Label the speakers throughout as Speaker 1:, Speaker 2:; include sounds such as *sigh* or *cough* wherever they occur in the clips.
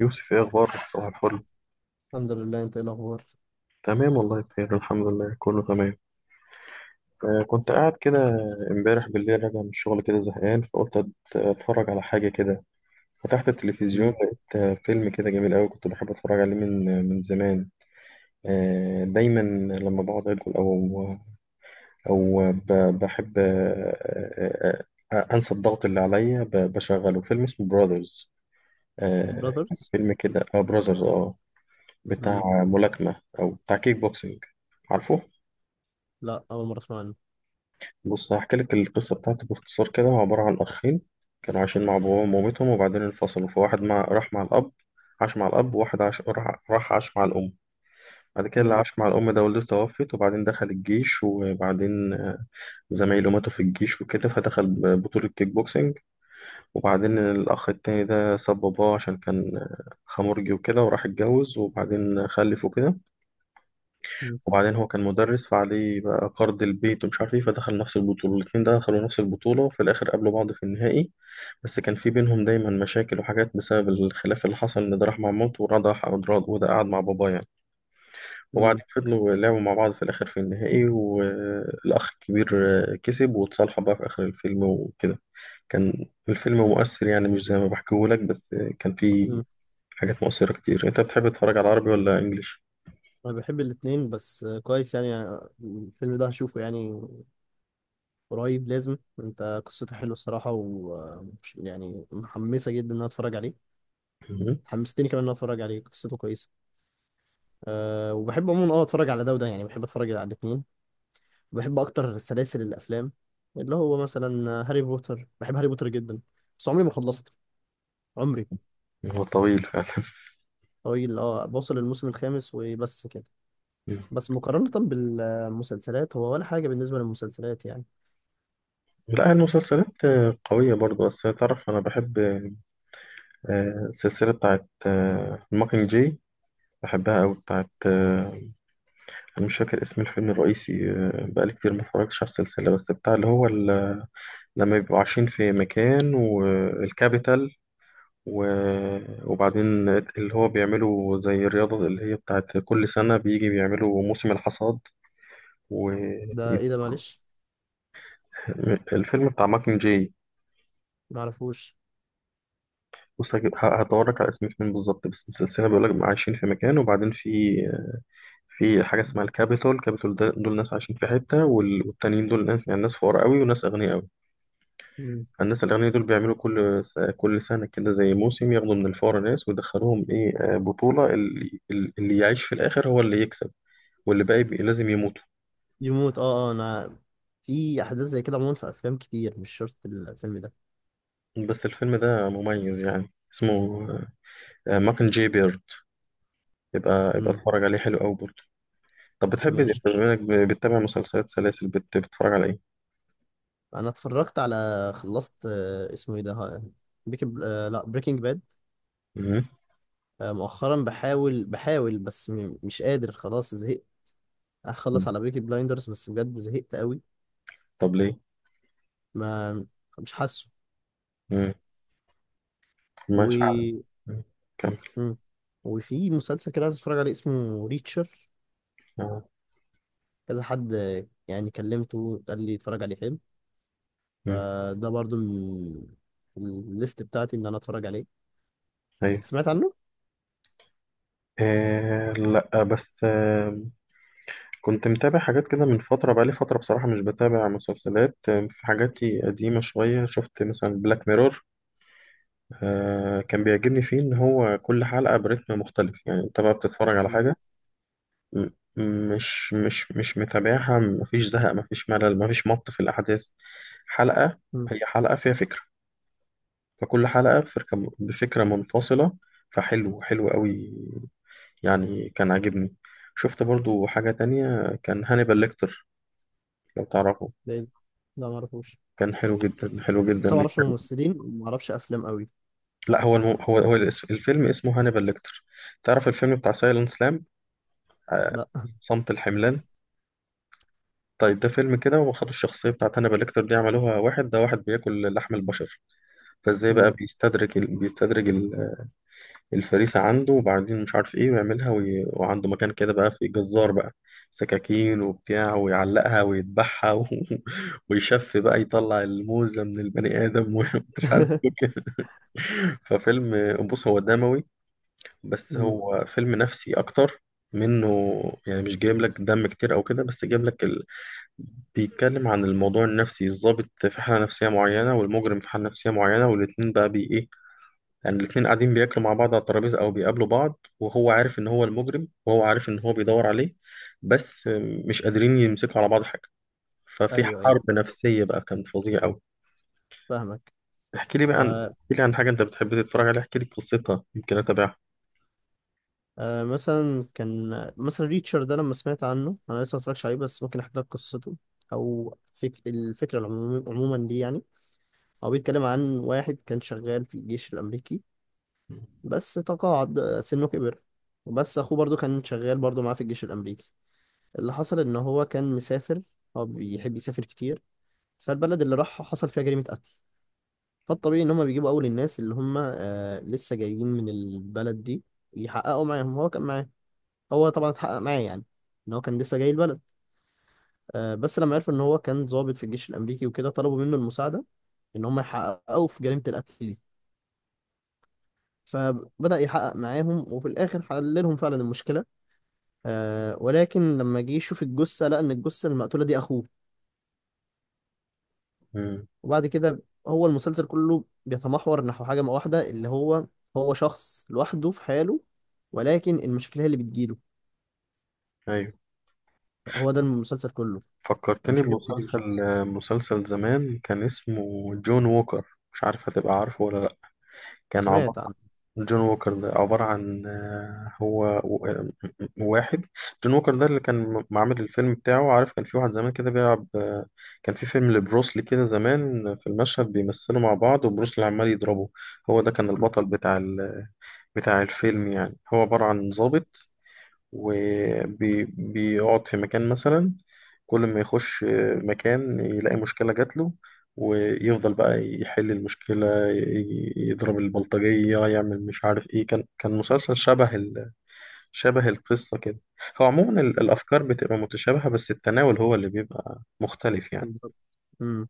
Speaker 1: يوسف، ايه اخبارك؟ صباح الفل.
Speaker 2: الحمد لله، انت ايه الاخبار؟
Speaker 1: تمام والله بخير الحمد لله، كله تمام. كنت قاعد كده امبارح بالليل راجع من الشغل كده زهقان، فقلت اتفرج على حاجه كده. فتحت التلفزيون،
Speaker 2: امم.
Speaker 1: لقيت فيلم كده جميل قوي كنت بحب اتفرج عليه من من زمان. آه دايما لما بقعد اكل او بحب آه انسى الضغط اللي عليا، بشغله فيلم اسمه براذرز. آه.
Speaker 2: براذرز؟
Speaker 1: فيلم كده، براذرز، Brothers، بتاع
Speaker 2: امم.
Speaker 1: ملاكمه او بتاع كيك بوكسينج. عارفه؟
Speaker 2: لا، اول مره اسمع عنه.
Speaker 1: بص، هحكي لك القصة بتاعته باختصار كده. هو عبارة عن أخين كانوا عايشين مع باباهم ومامتهم، وبعدين انفصلوا. فواحد راح مع الأب، عاش مع الأب، وواحد عاش راح عاش مع الأم. بعد كده اللي
Speaker 2: امم.
Speaker 1: عاش مع الأم ده والدته توفت، وبعدين دخل الجيش، وبعدين زمايله ماتوا في الجيش وكده، فدخل بطولة كيك بوكسينج. وبعدين الأخ التاني ده ساب باباه عشان كان خمرجي وكده، وراح اتجوز وبعدين خلف وكده.
Speaker 2: امم.
Speaker 1: وبعدين هو كان مدرس، فعليه بقى قرض البيت ومش عارف ايه، فدخل نفس البطولة. الاتنين ده دخلوا نفس البطولة، وفي الآخر قابلوا بعض في النهائي. بس كان في بينهم دايما مشاكل وحاجات بسبب الخلاف اللي حصل، إن ده راح مع مامته وده راح وده قعد مع باباه يعني.
Speaker 2: امم.
Speaker 1: وبعدين فضلوا لعبوا مع بعض، في الآخر في النهائي، والأخ الكبير كسب، واتصالحوا بقى في آخر الفيلم وكده. كان الفيلم مؤثر يعني، مش زي ما بحكيهولك، بس كان فيه
Speaker 2: امم.
Speaker 1: حاجات مؤثرة كتير. أنت بتحب تتفرج على عربي ولا إنجليش؟
Speaker 2: انا بحب الاتنين بس كويس يعني. الفيلم ده هشوفه يعني قريب لازم. انت قصته حلوه الصراحه، و يعني محمسه جدا ان انا اتفرج عليه.
Speaker 1: مهم.
Speaker 2: حمستني كمان ان انا اتفرج عليه، قصته كويسه. وبحب عموما اتفرج على ده وده، يعني بحب اتفرج على الاتنين. بحب اكتر سلاسل الافلام، اللي هو مثلا هاري بوتر. بحب هاري بوتر جدا. بس عمري ما خلصت. عمري.
Speaker 1: هو طويل فعلا.
Speaker 2: طويل، وصل الموسم الخامس وبس كده. بس مقارنة بالمسلسلات، هو ولا حاجة بالنسبة للمسلسلات يعني.
Speaker 1: لا، المسلسلات قوية برضو، بس تعرف أنا بحب السلسلة بتاعت ماكينج جاي. بحبها أوي، بتاعت أنا مش فاكر اسم الفيلم الرئيسي. بقالي كتير ما اتفرجتش على السلسلة، بس بتاع اللي هو لما بيبقوا عايشين في مكان والكابيتال، وبعدين اللي هو بيعملوا زي الرياضة اللي هي بتاعت كل سنة، بيجي بيعملوا موسم الحصاد.
Speaker 2: ده ايه ده؟ معلش.
Speaker 1: والفيلم بتاع ماكينج جاي.
Speaker 2: معرفوش.
Speaker 1: بص، هدورك على اسم فين بالظبط، بس السلسلة بيقول لك عايشين في مكان، وبعدين في في حاجة اسمها الكابيتول. الكابيتول ده دول ناس عايشين في حتة، والتانيين دول ناس، يعني ناس فقراء قوي وناس أغنياء قوي.
Speaker 2: مم.
Speaker 1: الناس الأغنياء دول بيعملوا كل سنة كده زي موسم، ياخدوا من الفقراء ناس ويدخلوهم إيه، آه، بطولة، اللي يعيش في الآخر هو اللي يكسب، واللي باقي لازم يموتوا.
Speaker 2: يموت، اه، اه، انا في احداث زي كده عموما في افلام كتير. مش شرط الفيلم ده.
Speaker 1: بس الفيلم ده مميز يعني، اسمه ماكن جي بيرد. يبقى
Speaker 2: امم.
Speaker 1: اتفرج عليه، حلو قوي برضه. طب بتحب،
Speaker 2: ماشي.
Speaker 1: بما إنك بتتابع مسلسلات سلاسل، بتتفرج على إيه؟
Speaker 2: انا اتفرجت على، خلصت اسمه ايه ده؟ بيك، لا، بريكنج باد.
Speaker 1: مم.
Speaker 2: مؤخرا، بحاول بس مش قادر، خلاص زهقت.
Speaker 1: مم.
Speaker 2: هخلص على بيكي بلايندرز، بس بجد زهقت قوي.
Speaker 1: طب ليه؟
Speaker 2: ما، مش
Speaker 1: مم. ماشي.
Speaker 2: حاسه.
Speaker 1: مم. كمل.
Speaker 2: مم. وفي مسلسل كده عايز اتفرج عليه، اسمه ريتشر.
Speaker 1: آه.
Speaker 2: كذا حد يعني كلمته، قال لي اتفرج عليه حلو.
Speaker 1: مم.
Speaker 2: فده برضو من الليست بتاعتي ان انا اتفرج عليه.
Speaker 1: أيوة.
Speaker 2: سمعت عنه؟
Speaker 1: آه، لا، بس آه كنت متابع حاجات كده من فترة. بقالي فترة بصراحة مش بتابع مسلسلات. آه، في حاجاتي قديمة شوية، شفت مثلا بلاك ميرور. آه، كان بيعجبني فيه إن هو كل حلقة برتم مختلف، يعني أنت بقى بتتفرج على
Speaker 2: مم.
Speaker 1: حاجة م- مش متابعها، مفيش زهق، مفيش ملل، مفيش مط في الأحداث. حلقة
Speaker 2: مم.
Speaker 1: هي حلقة فيها فكرة، فكل حلقة بفكرة منفصلة. فحلو حلو قوي يعني، كان عاجبني. شفت برضو حاجة تانية كان هانيبال ليكتر، لو تعرفه.
Speaker 2: ده إيه ده؟ لا، ما اعرفوش.
Speaker 1: كان حلو جدا، حلو
Speaker 2: بس أنا
Speaker 1: جدا،
Speaker 2: ما اعرفش
Speaker 1: بيتكلم.
Speaker 2: ممثلين وما اعرفش افلام قوي.
Speaker 1: لا، هو هو الفيلم اسمه هانيبال ليكتر. تعرف الفيلم بتاع سايلنس سلام؟
Speaker 2: لا.
Speaker 1: صمت الحملان. طيب، ده فيلم كده وخدوا الشخصية بتاعت هانيبال ليكتر دي، عملوها واحد، ده واحد بياكل لحم البشر. فازاي بقى
Speaker 2: مم.
Speaker 1: بيستدرج بيستدرج الفريسة عنده، وبعدين مش عارف ايه ويعملها وعنده مكان كده بقى، في جزار بقى، سكاكين وبتاع، ويعلقها ويذبحها *laughs* ويشف بقى، يطلع الموزة من البني آدم *laughs* ومش عارف.
Speaker 2: *laughs*
Speaker 1: ففيلم، بص هو دموي، بس
Speaker 2: مم.
Speaker 1: هو فيلم نفسي أكتر منه. يعني مش جايب لك دم كتير أو كده، بس جايب لك بيتكلم عن الموضوع النفسي، الضابط في حالة نفسية معينة، والمجرم في حالة نفسية معينة، والاتنين بقى بي إيه، يعني الاتنين قاعدين بياكلوا مع بعض على الترابيزة أو بيقابلوا بعض، وهو عارف إن هو المجرم، وهو عارف إن هو بيدور عليه، بس مش قادرين يمسكوا على بعض حاجة. ففي
Speaker 2: ايوه،
Speaker 1: حرب
Speaker 2: ايوه،
Speaker 1: نفسية بقى، كان فظيع أوي.
Speaker 2: فاهمك. آه،
Speaker 1: احكي لي عن حاجة أنت بتحب تتفرج عليها، احكي لي قصتها يمكن أتابعها.
Speaker 2: آه، مثلا كان، مثلا ريتشر ده لما سمعت عنه، انا لسه ما اتفرجتش عليه بس ممكن احكي لك قصته. او الفكره عموما دي يعني. هو بيتكلم عن واحد كان شغال في الجيش الأمريكي بس تقاعد سنه كبر. وبس أخوه برضو كان شغال برضو معاه في الجيش الأمريكي. اللي حصل إن هو كان مسافر. هو بيحب يسافر كتير. فالبلد اللي راحها حصل فيها جريمة قتل. فالطبيعي إن هما بيجيبوا أول الناس اللي هما لسه جايين من البلد دي، يحققوا معاهم. هو كان معاه، هو طبعا اتحقق معاه يعني إن هو كان لسه جاي البلد. بس لما عرفوا إن هو كان ضابط في الجيش الأمريكي وكده، طلبوا منه المساعدة إن هما يحققوا في جريمة القتل دي. فبدأ يحقق معاهم وفي الآخر حل لهم فعلا المشكلة. ولكن لما جه يشوف الجثة، لقى إن الجثة المقتولة دي أخوه.
Speaker 1: امم.
Speaker 2: وبعد كده، هو المسلسل كله بيتمحور نحو حاجة واحدة، اللي هو هو شخص لوحده في حاله، ولكن المشاكل هي اللي بتجيله.
Speaker 1: أيوه.
Speaker 2: يعني هو ده المسلسل كله،
Speaker 1: فكرتني
Speaker 2: المشاكل بتيجي
Speaker 1: بمسلسل،
Speaker 2: للشخص.
Speaker 1: مسلسل زمان كان اسمه جون ووكر. مش عارف هتبقى عارفه ولا لأ. كان
Speaker 2: سمعت
Speaker 1: عبارة
Speaker 2: عنه.
Speaker 1: جون ووكر ده عبارة عن هو واحد. جون ووكر ده اللي كان معمل الفيلم بتاعه. عارف كان في واحد زمان كده بيلعب كان في فيلم لبروسلي كده زمان، في المشهد بيمثلوا مع بعض وبروسلي عمال يضربه. هو ده كان
Speaker 2: م-
Speaker 1: البطل بتاع بتاع الفيلم، يعني هو عبارة عن ضابط وبيقعد في مكان مثلا، كل ما يخش مكان يلاقي مشكلة جاتله، ويفضل بقى يحل المشكلة، يضرب البلطجية، يعمل مش عارف ايه. كان مسلسل شبه، شبه القصة كده. هو عموما
Speaker 2: م-
Speaker 1: الأفكار بتبقى متشابهة، بس التناول هو اللي بيبقى مختلف
Speaker 2: *laughs*
Speaker 1: يعني.
Speaker 2: بالظبط. امم.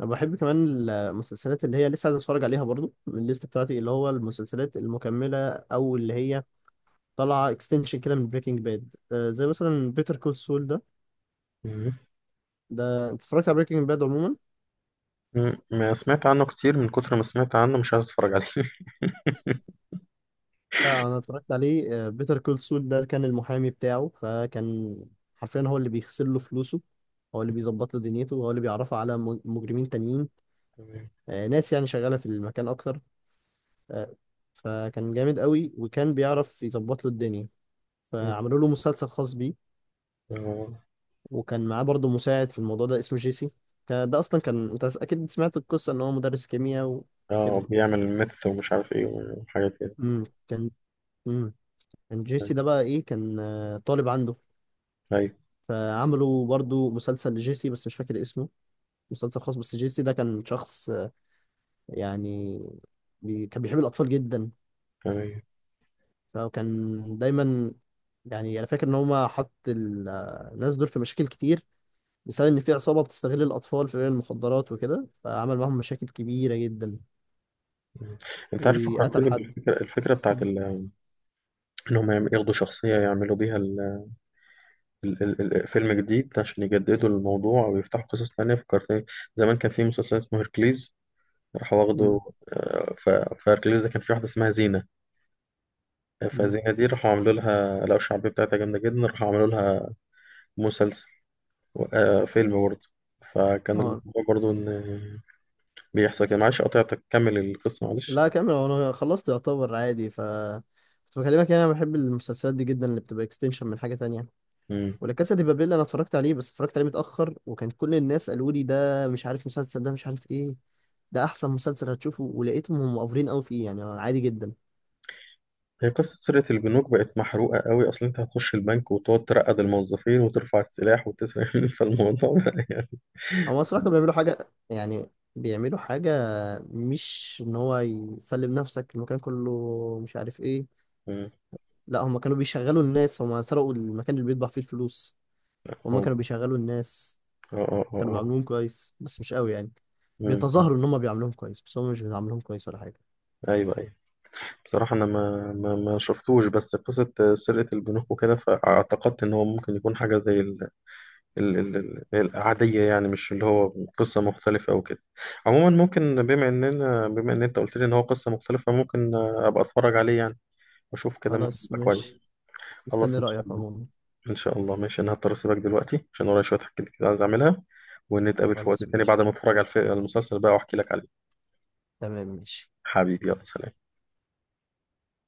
Speaker 2: انا بحب كمان المسلسلات اللي هي لسه عايز اتفرج عليها، برضو من الليست بتاعتي، اللي هو المسلسلات المكمله او اللي هي طلع اكستنشن كده من بريكنج باد، زي مثلا بيتر كول سول ده.
Speaker 1: مم.
Speaker 2: ده انت اتفرجت على بريكنج باد عموما؟
Speaker 1: مم. ما سمعت عنه كتير، من كتر ما سمعت عنه مش عايز أتفرج عليه *laughs*
Speaker 2: لا، انا اتفرجت عليه. بيتر كول سول ده كان المحامي بتاعه، فكان حرفيا هو اللي بيغسل له فلوسه، هو اللي بيظبط له دنيته، هو اللي بيعرفه على مجرمين تانيين.
Speaker 1: تمام.
Speaker 2: ناس يعني شغالة في المكان اكتر. آه، فكان جامد قوي وكان بيعرف يظبط له الدنيا.
Speaker 1: مم.
Speaker 2: فعملوا له مسلسل خاص بيه.
Speaker 1: اه.
Speaker 2: وكان معاه برضه مساعد في الموضوع ده اسمه جيسي. ده اصلا كان، انت اكيد سمعت القصة ان هو مدرس كيمياء
Speaker 1: آه،
Speaker 2: وكده.
Speaker 1: بيعمل ميث ومش عارف ايه وحاجات كده.
Speaker 2: كان. امم كان جيسي ده بقى ايه؟ كان طالب عنده.
Speaker 1: أيوة.
Speaker 2: فعملوا برضو مسلسل لجيسي، بس مش فاكر اسمه. مسلسل خاص، بس جيسي ده كان شخص يعني كان بيحب الأطفال جدا.
Speaker 1: تمام.
Speaker 2: فكان دايما، يعني أنا فاكر إن هما حط الناس دول في مشاكل كتير بسبب إن في عصابة بتستغل الأطفال في بيع المخدرات وكده، فعمل معاهم مشاكل كبيرة جدا
Speaker 1: مم. انت عارف،
Speaker 2: وقتل
Speaker 1: فكرتني
Speaker 2: حد.
Speaker 1: بالفكرة، الفكرة بتاعت
Speaker 2: مم.
Speaker 1: انهم ياخدوا شخصية يعملوا بيها فيلم جديد عشان يجددوا الموضوع ويفتحوا قصص تانية. فكرتني، زمان كان في مسلسل اسمه هيركليز، راح واخده
Speaker 2: مم.
Speaker 1: آه، ف... فاركليز ده كان في واحدة اسمها زينة.
Speaker 2: مم.
Speaker 1: فزينة دي راحوا عملوا لها، لقوا الشعبية بتاعتها جامدة جدا، راحوا عملوا لها مسلسل فيلم برضه. فكان
Speaker 2: اه.
Speaker 1: الموضوع برضه إن بيحصل كده. معلش قطعتك، كمل القصة معلش.
Speaker 2: لا، كمل، انا خلصت يعتبر عادي. ف كنت بكلمك يعني انا بحب المسلسلات دي جدا اللي بتبقى اكستنشن من حاجه تانية.
Speaker 1: مم.
Speaker 2: ولا كاسا دي بابيل انا اتفرجت عليه، بس اتفرجت عليه متاخر، وكان كل الناس قالوا لي ده مش عارف مسلسل ده مش عارف ايه ده احسن مسلسل هتشوفه، ولقيتهم هم مقفرين قوي فيه يعني عادي جدا.
Speaker 1: هي قصة سرقة البنوك بقت محروقة قوي، أصل أنت هتخش البنك وتقعد ترقد الموظفين وترفع السلاح وتسرق *laughs* فالموضوع بقى يعني.
Speaker 2: هم الصراحه كانوا بيعملوا حاجه، يعني بيعملوا حاجه مش ان هو يسلم نفسك المكان كله مش عارف ايه.
Speaker 1: مم.
Speaker 2: لا، هم كانوا بيشغلوا الناس. هم سرقوا المكان اللي بيطبع فيه الفلوس. هم
Speaker 1: آه،
Speaker 2: كانوا بيشغلوا الناس.
Speaker 1: آه، آه،
Speaker 2: كانوا
Speaker 1: آه. آه.
Speaker 2: بيعاملوهم كويس بس مش قوي يعني.
Speaker 1: مم.
Speaker 2: بيتظاهروا ان هم بيعاملوهم كويس بس هم مش بيعاملوهم كويس ولا حاجه.
Speaker 1: أيوه أيوه. بصراحة أنا ما شفتوش، بس قصة سرقة البنوك وكده فاعتقدت إن هو ممكن يكون حاجة زي ال ال العادية، يعني مش اللي هو قصة مختلفة أو كده. عموما ممكن، بما إن أنت قلت لي إن هو قصة مختلفة، ممكن أبقى أتفرج عليه يعني وأشوف كده، ممكن
Speaker 2: خلاص
Speaker 1: يبقى كويس.
Speaker 2: ماشي.
Speaker 1: خلاص
Speaker 2: مستني
Speaker 1: إن شاء
Speaker 2: رايك
Speaker 1: الله.
Speaker 2: عموما.
Speaker 1: إن شاء الله، ماشي. أنا هضطر أسيبك دلوقتي عشان ورايا شوية حاجات كده عايز أعملها، ونتقابل في وقت
Speaker 2: خلاص
Speaker 1: تاني
Speaker 2: ماشي،
Speaker 1: بعد ما أتفرج على المسلسل بقى وأحكي لك عليه.
Speaker 2: تمام ماشي.
Speaker 1: حبيبي يلا سلام.